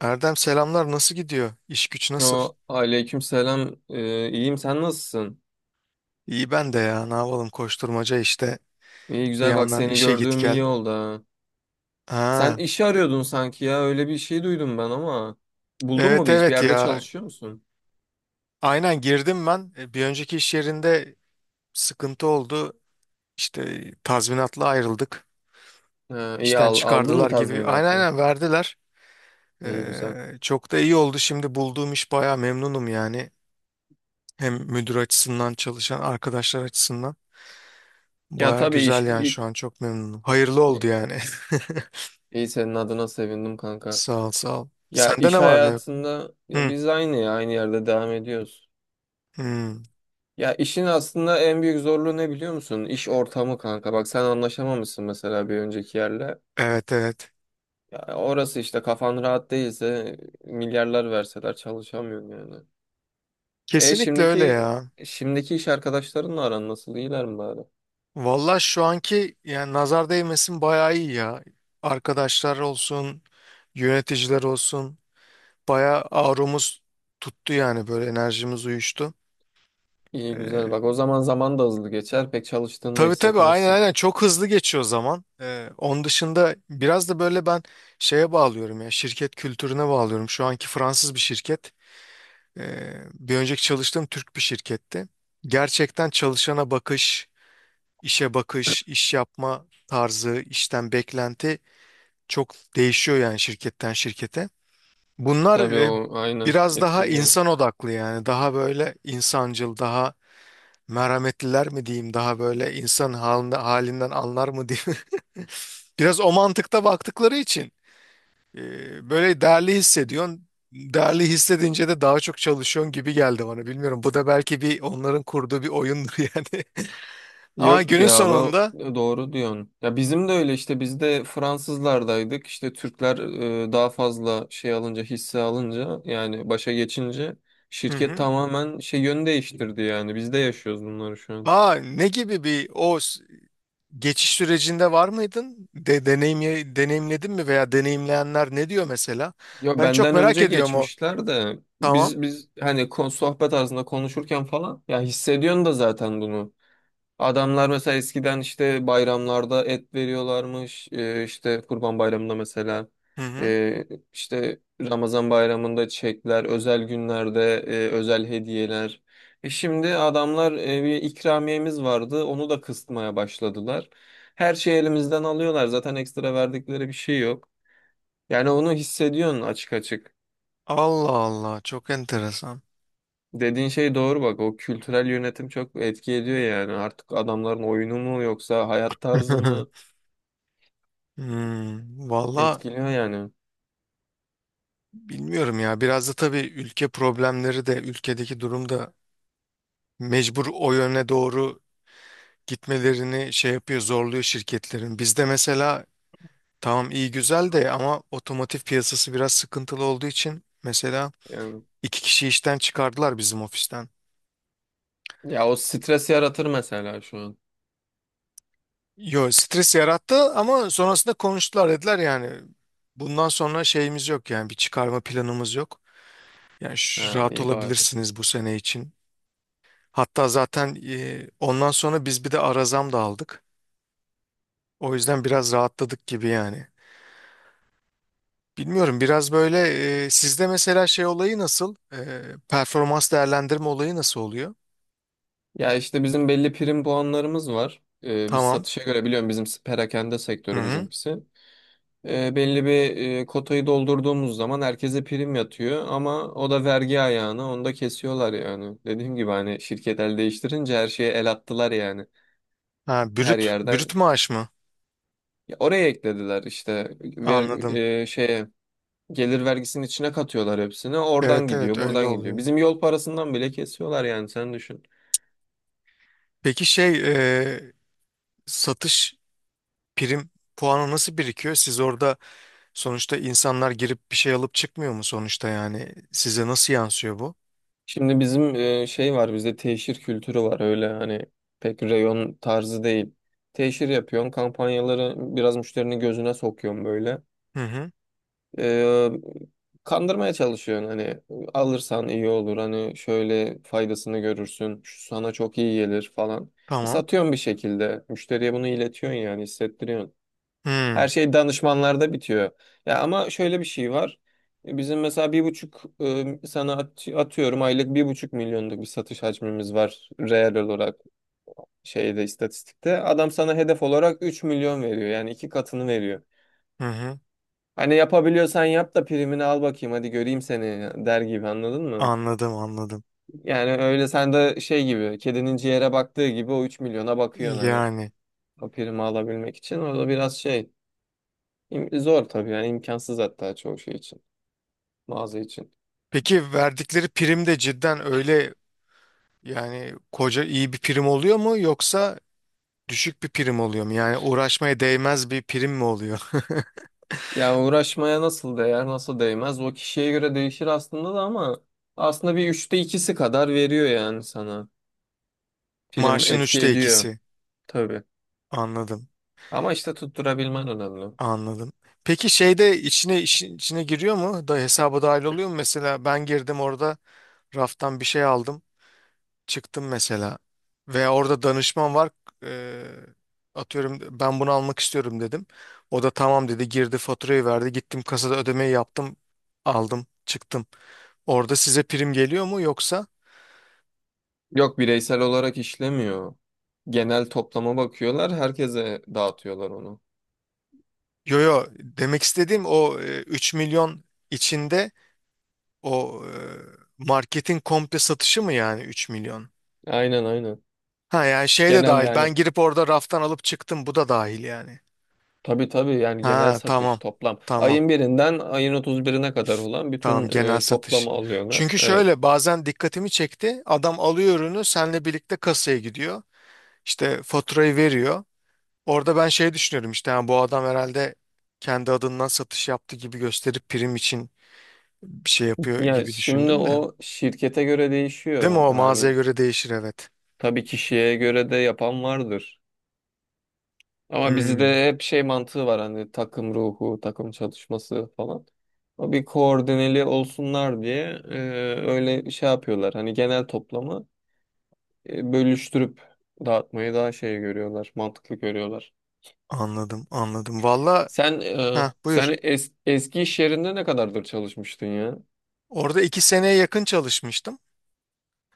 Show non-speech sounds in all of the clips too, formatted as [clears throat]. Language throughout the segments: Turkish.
Erdem selamlar nasıl gidiyor? İş güç nasıl? O aleyküm selam. İyiyim sen nasılsın? İyi ben de ya ne yapalım koşturmaca işte İyi bir güzel, bak yandan seni işe git gördüğüm gel. iyi oldu ha. Sen Ha, işi arıyordun sanki, ya öyle bir şey duydum ben ama. Buldun mu evet bir iş, bir evet yerde ya çalışıyor musun? aynen girdim ben bir önceki iş yerinde sıkıntı oldu işte tazminatla ayrıldık Ha, iyi, işten aldın mı çıkardılar gibi aynen tazminatı? aynen verdiler. İyi güzel. Çok da iyi oldu şimdi bulduğum iş baya memnunum yani hem müdür açısından çalışan arkadaşlar açısından Ya baya tabii iş güzel yani iyi, şu an çok memnunum hayırlı oldu yani. [laughs] iyi senin adına sevindim kanka. Sağ ol, sağ ol. Ya Sende iş ne var ne yok? hayatında ya Hı, biz aynı, ya aynı yerde devam ediyoruz. hı. Ya işin aslında en büyük zorluğu ne biliyor musun? İş ortamı kanka. Bak sen anlaşamamışsın mesela bir önceki yerle. Evet, evet. Ya orası işte, kafan rahat değilse milyarlar verseler çalışamıyorsun yani. E Kesinlikle öyle şimdiki ya. Şimdiki iş arkadaşlarınla aran nasıl? İyiler mi bari? Valla şu anki yani nazar değmesin bayağı iyi ya. Arkadaşlar olsun, yöneticiler olsun. Bayağı ağrımız tuttu yani böyle enerjimiz uyuştu. İyi güzel. Bak Ee, o zaman, zaman da hızlı geçer. Pek çalıştığında tabii tabii aynen hissetmezsin. aynen çok hızlı geçiyor zaman. Onun dışında biraz da böyle ben şeye bağlıyorum ya şirket kültürüne bağlıyorum. Şu anki Fransız bir şirket. Bir önceki çalıştığım Türk bir şirkette. Gerçekten çalışana bakış, işe bakış, iş yapma tarzı, işten beklenti çok değişiyor yani şirketten şirkete. Bunlar Tabii, e, o aynen biraz daha etkiliyor. insan odaklı yani daha böyle insancıl, daha merhametliler mi diyeyim, daha böyle insan halinde, halinden anlar mı diyeyim. [laughs] Biraz o mantıkta baktıkları için. Böyle değerli hissediyorsun. Değerli hissedince de daha çok çalışıyorsun gibi geldi bana. Bilmiyorum. Bu da belki bir onların kurduğu bir oyundur [laughs] yani. Ama Yok günün ya abi o- sonunda Doğru diyorsun. Ya bizim de öyle işte, biz de Fransızlardaydık. İşte Türkler daha fazla şey alınca, hisse alınca, yani başa geçince hı şirket hı. tamamen şey, yön değiştirdi yani. Biz de yaşıyoruz bunları şu an. Aa, ne gibi bir geçiş sürecinde var mıydın? Deneyimledin mi veya deneyimleyenler ne diyor mesela? Ya Ben çok benden merak önce ediyorum o. geçmişler de Tamam. biz hani sohbet arasında konuşurken falan, ya hissediyorsun da zaten bunu. Adamlar mesela eskiden işte bayramlarda et veriyorlarmış. İşte Kurban Bayramı'nda mesela. Hı hı. Ee, işte Ramazan Bayramı'nda çekler, özel günlerde özel hediyeler. E şimdi adamlar, bir ikramiyemiz vardı. Onu da kısıtmaya başladılar. Her şeyi elimizden alıyorlar. Zaten ekstra verdikleri bir şey yok. Yani onu hissediyorsun, açık açık. Allah Allah çok enteresan. Dediğin şey doğru, bak o kültürel yönetim çok etki ediyor yani, artık adamların oyunu mu yoksa hayat tarzı mı [laughs] Hmm, valla etkiliyor yani. bilmiyorum ya biraz da tabii ülke problemleri de ülkedeki durum da mecbur o yöne doğru gitmelerini şey yapıyor, zorluyor şirketlerin. Bizde mesela tamam iyi güzel de ama otomotiv piyasası biraz sıkıntılı olduğu için mesela Yani iki kişi işten çıkardılar bizim ofisten. ya, o stres yaratır mesela şu an. Yo stres yarattı ama sonrasında konuştular dediler yani bundan sonra şeyimiz yok yani bir çıkarma planımız yok. Yani şu- Ha, rahat iyi bari. olabilirsiniz bu sene için. Hatta zaten ondan sonra biz bir de ara zam da aldık. O yüzden biraz rahatladık gibi yani. Bilmiyorum biraz böyle sizde mesela şey olayı nasıl? Performans değerlendirme olayı nasıl oluyor? Ya işte bizim belli prim puanlarımız var. Biz Tamam. satışa göre, biliyorum bizim perakende Hı sektörü hı. bizimkisi. Belli bir kotayı doldurduğumuz zaman herkese prim yatıyor, ama o da vergi ayağını, onu da kesiyorlar yani. Dediğim gibi hani şirket el değiştirince her şeye el attılar yani, Ha, her brüt yerden maaş mı? oraya eklediler işte, Anladım. Şeye, gelir vergisinin içine katıyorlar hepsini. Oradan Evet evet gidiyor, öyle buradan gidiyor. oluyor. Bizim yol parasından bile kesiyorlar yani, sen düşün. Peki şey e, satış prim puanı nasıl birikiyor? Siz orada sonuçta insanlar girip bir şey alıp çıkmıyor mu sonuçta yani? Size nasıl yansıyor bu? Şimdi bizim şey var, bizde teşhir kültürü var, öyle hani pek reyon tarzı değil. Teşhir yapıyorsun, kampanyaları biraz müşterinin gözüne sokuyorsun böyle. Hı hı. Ee, Kandırmaya çalışıyorsun, hani alırsan iyi olur, hani şöyle faydasını görürsün, şu sana çok iyi gelir falan. E, Tamam. satıyorsun, bir şekilde müşteriye bunu iletiyorsun yani, hissettiriyorsun. Her Hı şey danışmanlarda bitiyor. Ya ama şöyle bir şey var. E, bizim mesela sana atıyorum, aylık 1,5 milyonluk bir satış hacmimiz var reel olarak, şeyde, istatistikte. Adam sana hedef olarak 3 milyon veriyor, yani iki katını veriyor. hı. hı. Hani yapabiliyorsan yap da primini al bakayım, hadi göreyim seni der gibi, anladın mı? Anladım anladım. Yani öyle sen de şey gibi, kedinin ciğere baktığı gibi o 3 milyona bakıyorsun hani, Yani. o primi alabilmek için. O da biraz şey, zor tabii, yani imkansız hatta çoğu şey için, mağaza için. Peki verdikleri prim de cidden öyle. Yani koca iyi bir prim oluyor mu yoksa düşük bir prim oluyor mu? Yani uğraşmaya değmez bir prim mi oluyor? Yani uğraşmaya nasıl değer, nasıl değmez, o kişiye göre değişir aslında da, ama aslında bir üçte ikisi kadar veriyor yani sana, [laughs] prim Maaşın etki üçte ediyor ikisi. tabii. Anladım, Ama işte tutturabilmen önemli. anladım. Peki şeyde içine işin içine giriyor mu? Da hesaba dahil oluyor mu? Mesela ben girdim orada raftan bir şey aldım, çıktım mesela ve orada danışman var. Eee, atıyorum ben bunu almak istiyorum dedim. O da tamam dedi, girdi faturayı verdi. Gittim kasada ödemeyi yaptım, aldım, çıktım. Orada size prim geliyor mu yoksa? Yok, bireysel olarak işlemiyor. Genel toplama bakıyorlar, herkese dağıtıyorlar onu. Yo yo demek istediğim o 3 milyon içinde o marketin komple satışı mı yani 3 milyon? Aynen, aynen. Ha yani şey de Genel dahil yani, ben girip orada raftan alıp çıktım bu da dahil yani. tabii yani, genel Ha satış tamam toplam. tamam Ayın birinden ayın 31'ine kadar olan tamam bütün genel toplamı satış. alıyorlar. Çünkü Evet. şöyle bazen dikkatimi çekti adam alıyor ürünü senle birlikte kasaya gidiyor. İşte faturayı veriyor. Orada ben şey düşünüyorum işte ha, bu adam herhalde kendi adından satış yaptı gibi gösterip prim için bir şey yapıyor Ya gibi şimdi düşündüm de. o şirkete göre Değil mi değişiyor. o mağazaya Yani göre değişir evet. tabii kişiye göre de yapan vardır. Ama Hmm, bizde hep şey mantığı var, hani takım ruhu, takım çalışması falan. O bir koordineli olsunlar diye e, öyle şey yapıyorlar. Hani genel toplamı bölüştürüp dağıtmayı daha şey görüyorlar, mantıklı görüyorlar. anladım anladım. Valla Sen ha buyur. Eski iş yerinde ne kadardır çalışmıştın ya? Orada 2 seneye yakın çalışmıştım.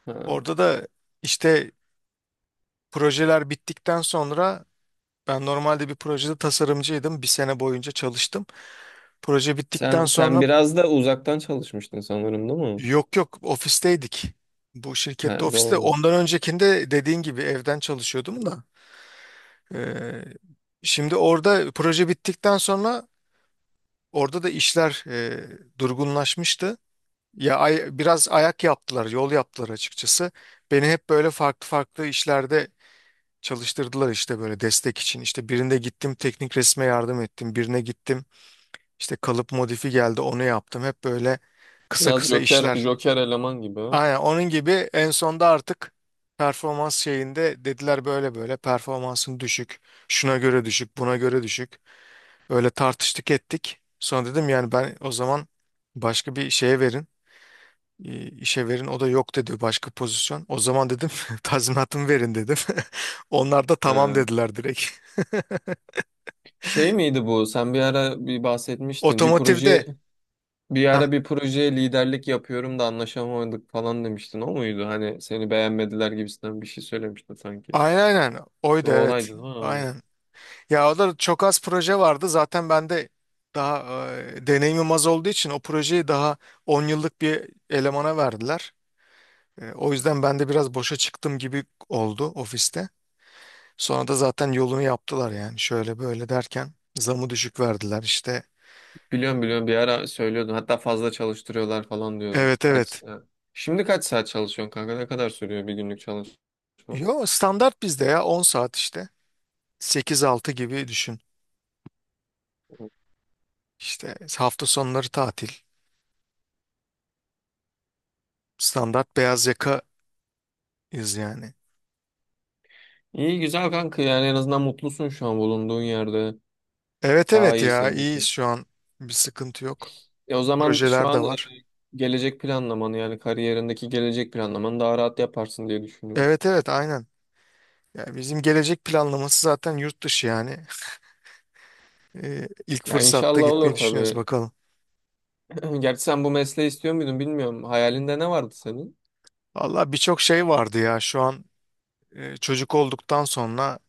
Ha. Orada da işte projeler bittikten sonra ben normalde bir projede tasarımcıydım. Bir sene boyunca çalıştım. Proje bittikten Sen sonra biraz da uzaktan çalışmıştın sanırım, değil mi? yok yok ofisteydik. Bu He, şirkette ofiste doğru. ondan öncekinde dediğin gibi evden çalışıyordum da. Ee, şimdi orada proje bittikten sonra orada da işler durgunlaşmıştı. Ya biraz ayak yaptılar, yol yaptılar açıkçası. Beni hep böyle farklı farklı işlerde çalıştırdılar işte böyle destek için. İşte birinde gittim teknik resme yardım ettim, birine gittim işte kalıp modifi geldi onu yaptım. Hep böyle kısa Biraz kısa joker işler. joker eleman gibi. Aynen onun gibi en sonda artık performans şeyinde dediler böyle böyle performansın düşük, şuna göre düşük, buna göre düşük. Öyle tartıştık ettik. Sonra dedim yani ben o zaman başka bir şeye verin işe verin o da yok dedi başka pozisyon. O zaman dedim [laughs] tazminatımı verin dedim. [laughs] Onlar da tamam Ha? dediler direkt. Şey miydi bu? Sen bir ara bir [laughs] bahsetmiştin. Bir proje, Otomotivde. bir Ha, ara bir projeye liderlik yapıyorum da anlaşamadık falan demiştin. O muydu? Hani seni beğenmediler gibisinden bir şey söylemiştin sanki. aynen aynen O oydu evet. olaydı. Ha. Aynen. Ya o da çok az proje vardı. Zaten ben de daha deneyimim az olduğu için o projeyi daha 10 yıllık bir elemana verdiler. O yüzden ben de biraz boşa çıktım gibi oldu ofiste. Sonra da zaten yolunu yaptılar yani şöyle böyle derken zamı düşük verdiler işte. Biliyorum, biliyorum, bir ara söylüyordun. Hatta fazla çalıştırıyorlar falan diyordun. Evet Kaç evet. ha. Şimdi kaç saat çalışıyorsun kanka? Ne kadar sürüyor bir günlük çalışma? Yo standart bizde ya 10 saat işte. Sekiz altı gibi düşün. İşte hafta sonları tatil. Standart beyaz yakayız yani. İyi güzel kanka, yani en azından mutlusun şu an bulunduğun yerde. Evet Daha evet iyi ya senin iyiyiz için. şu an. Bir sıkıntı yok. O zaman şu Projeler de an var. gelecek planlamanı, yani kariyerindeki gelecek planlamanı daha rahat yaparsın diye düşünüyorum. Evet evet aynen. Ya bizim gelecek planlaması zaten yurt dışı yani. [laughs] İlk Ya fırsatta inşallah olur gitmeyi düşünüyoruz tabii. bakalım. [clears throat] Gerçi sen bu mesleği istiyor muydun bilmiyorum. Hayalinde ne vardı senin? Valla birçok şey vardı ya şu an çocuk olduktan sonra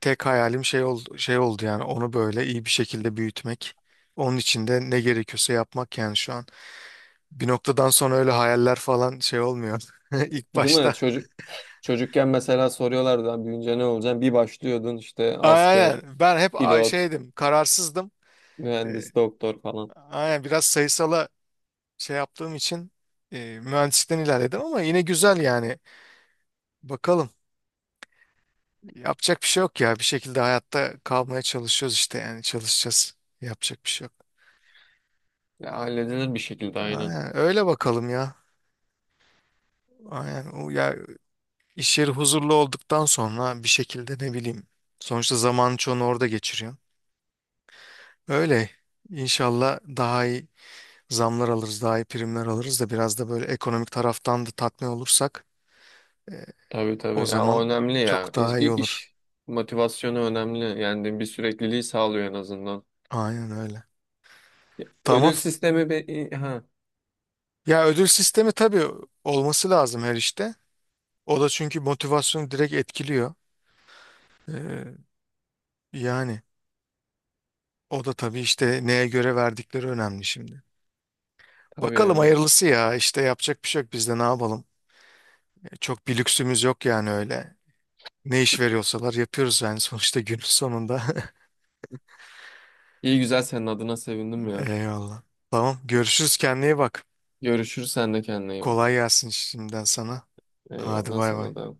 tek hayalim şey oldu, şey oldu yani onu böyle iyi bir şekilde büyütmek. Onun için de ne gerekiyorsa yapmak yani şu an. Bir noktadan sonra öyle hayaller falan şey olmuyor [laughs] ilk Değil mi? başta. Çocukken mesela soruyorlardı "Lan büyüyünce ne olacaksın?" Bir başlıyordun işte, asker, Aynen ben hep pilot, şeydim kararsızdım. Ee, mühendis, doktor falan. Aynen biraz sayısala şey yaptığım için mühendislikten ilerledim ama yine güzel yani. Bakalım yapacak bir şey yok ya bir şekilde hayatta kalmaya çalışıyoruz işte yani çalışacağız. Yapacak bir şey yok. Ya halledilir bir şekilde aynı. Aynen öyle bakalım ya. Aynen o ya. İş yeri huzurlu olduktan sonra bir şekilde ne bileyim. Sonuçta zamanın çoğunu orada geçiriyorsun. Öyle. İnşallah daha iyi zamlar alırız, daha iyi primler alırız da biraz da böyle ekonomik taraftan da tatmin olursak e, Tabii, tabii. o Ya o zaman önemli ya. çok İş, daha iyi olur. iş motivasyonu önemli. Yani bir sürekliliği sağlıyor en azından. Aynen öyle. Ya, Tamam. ödül sistemi ha. Ya ödül sistemi tabii olması lazım her işte. O da çünkü motivasyonu direkt etkiliyor. Ee, yani o da tabii işte neye göre verdikleri önemli şimdi. Tabii Bakalım yani. hayırlısı ya işte yapacak bir şey yok biz de ne yapalım. Çok bir lüksümüz yok yani öyle. Ne iş veriyorsalar yapıyoruz yani [laughs] sonuçta günün sonunda. İyi güzel, senin adına sevindim [laughs] ya. Eyvallah. Tamam görüşürüz kendine iyi bak. Görüşürüz, sen de kendine iyi bak. Kolay gelsin şimdiden sana. Hadi Eyvallah bay bay. sana da.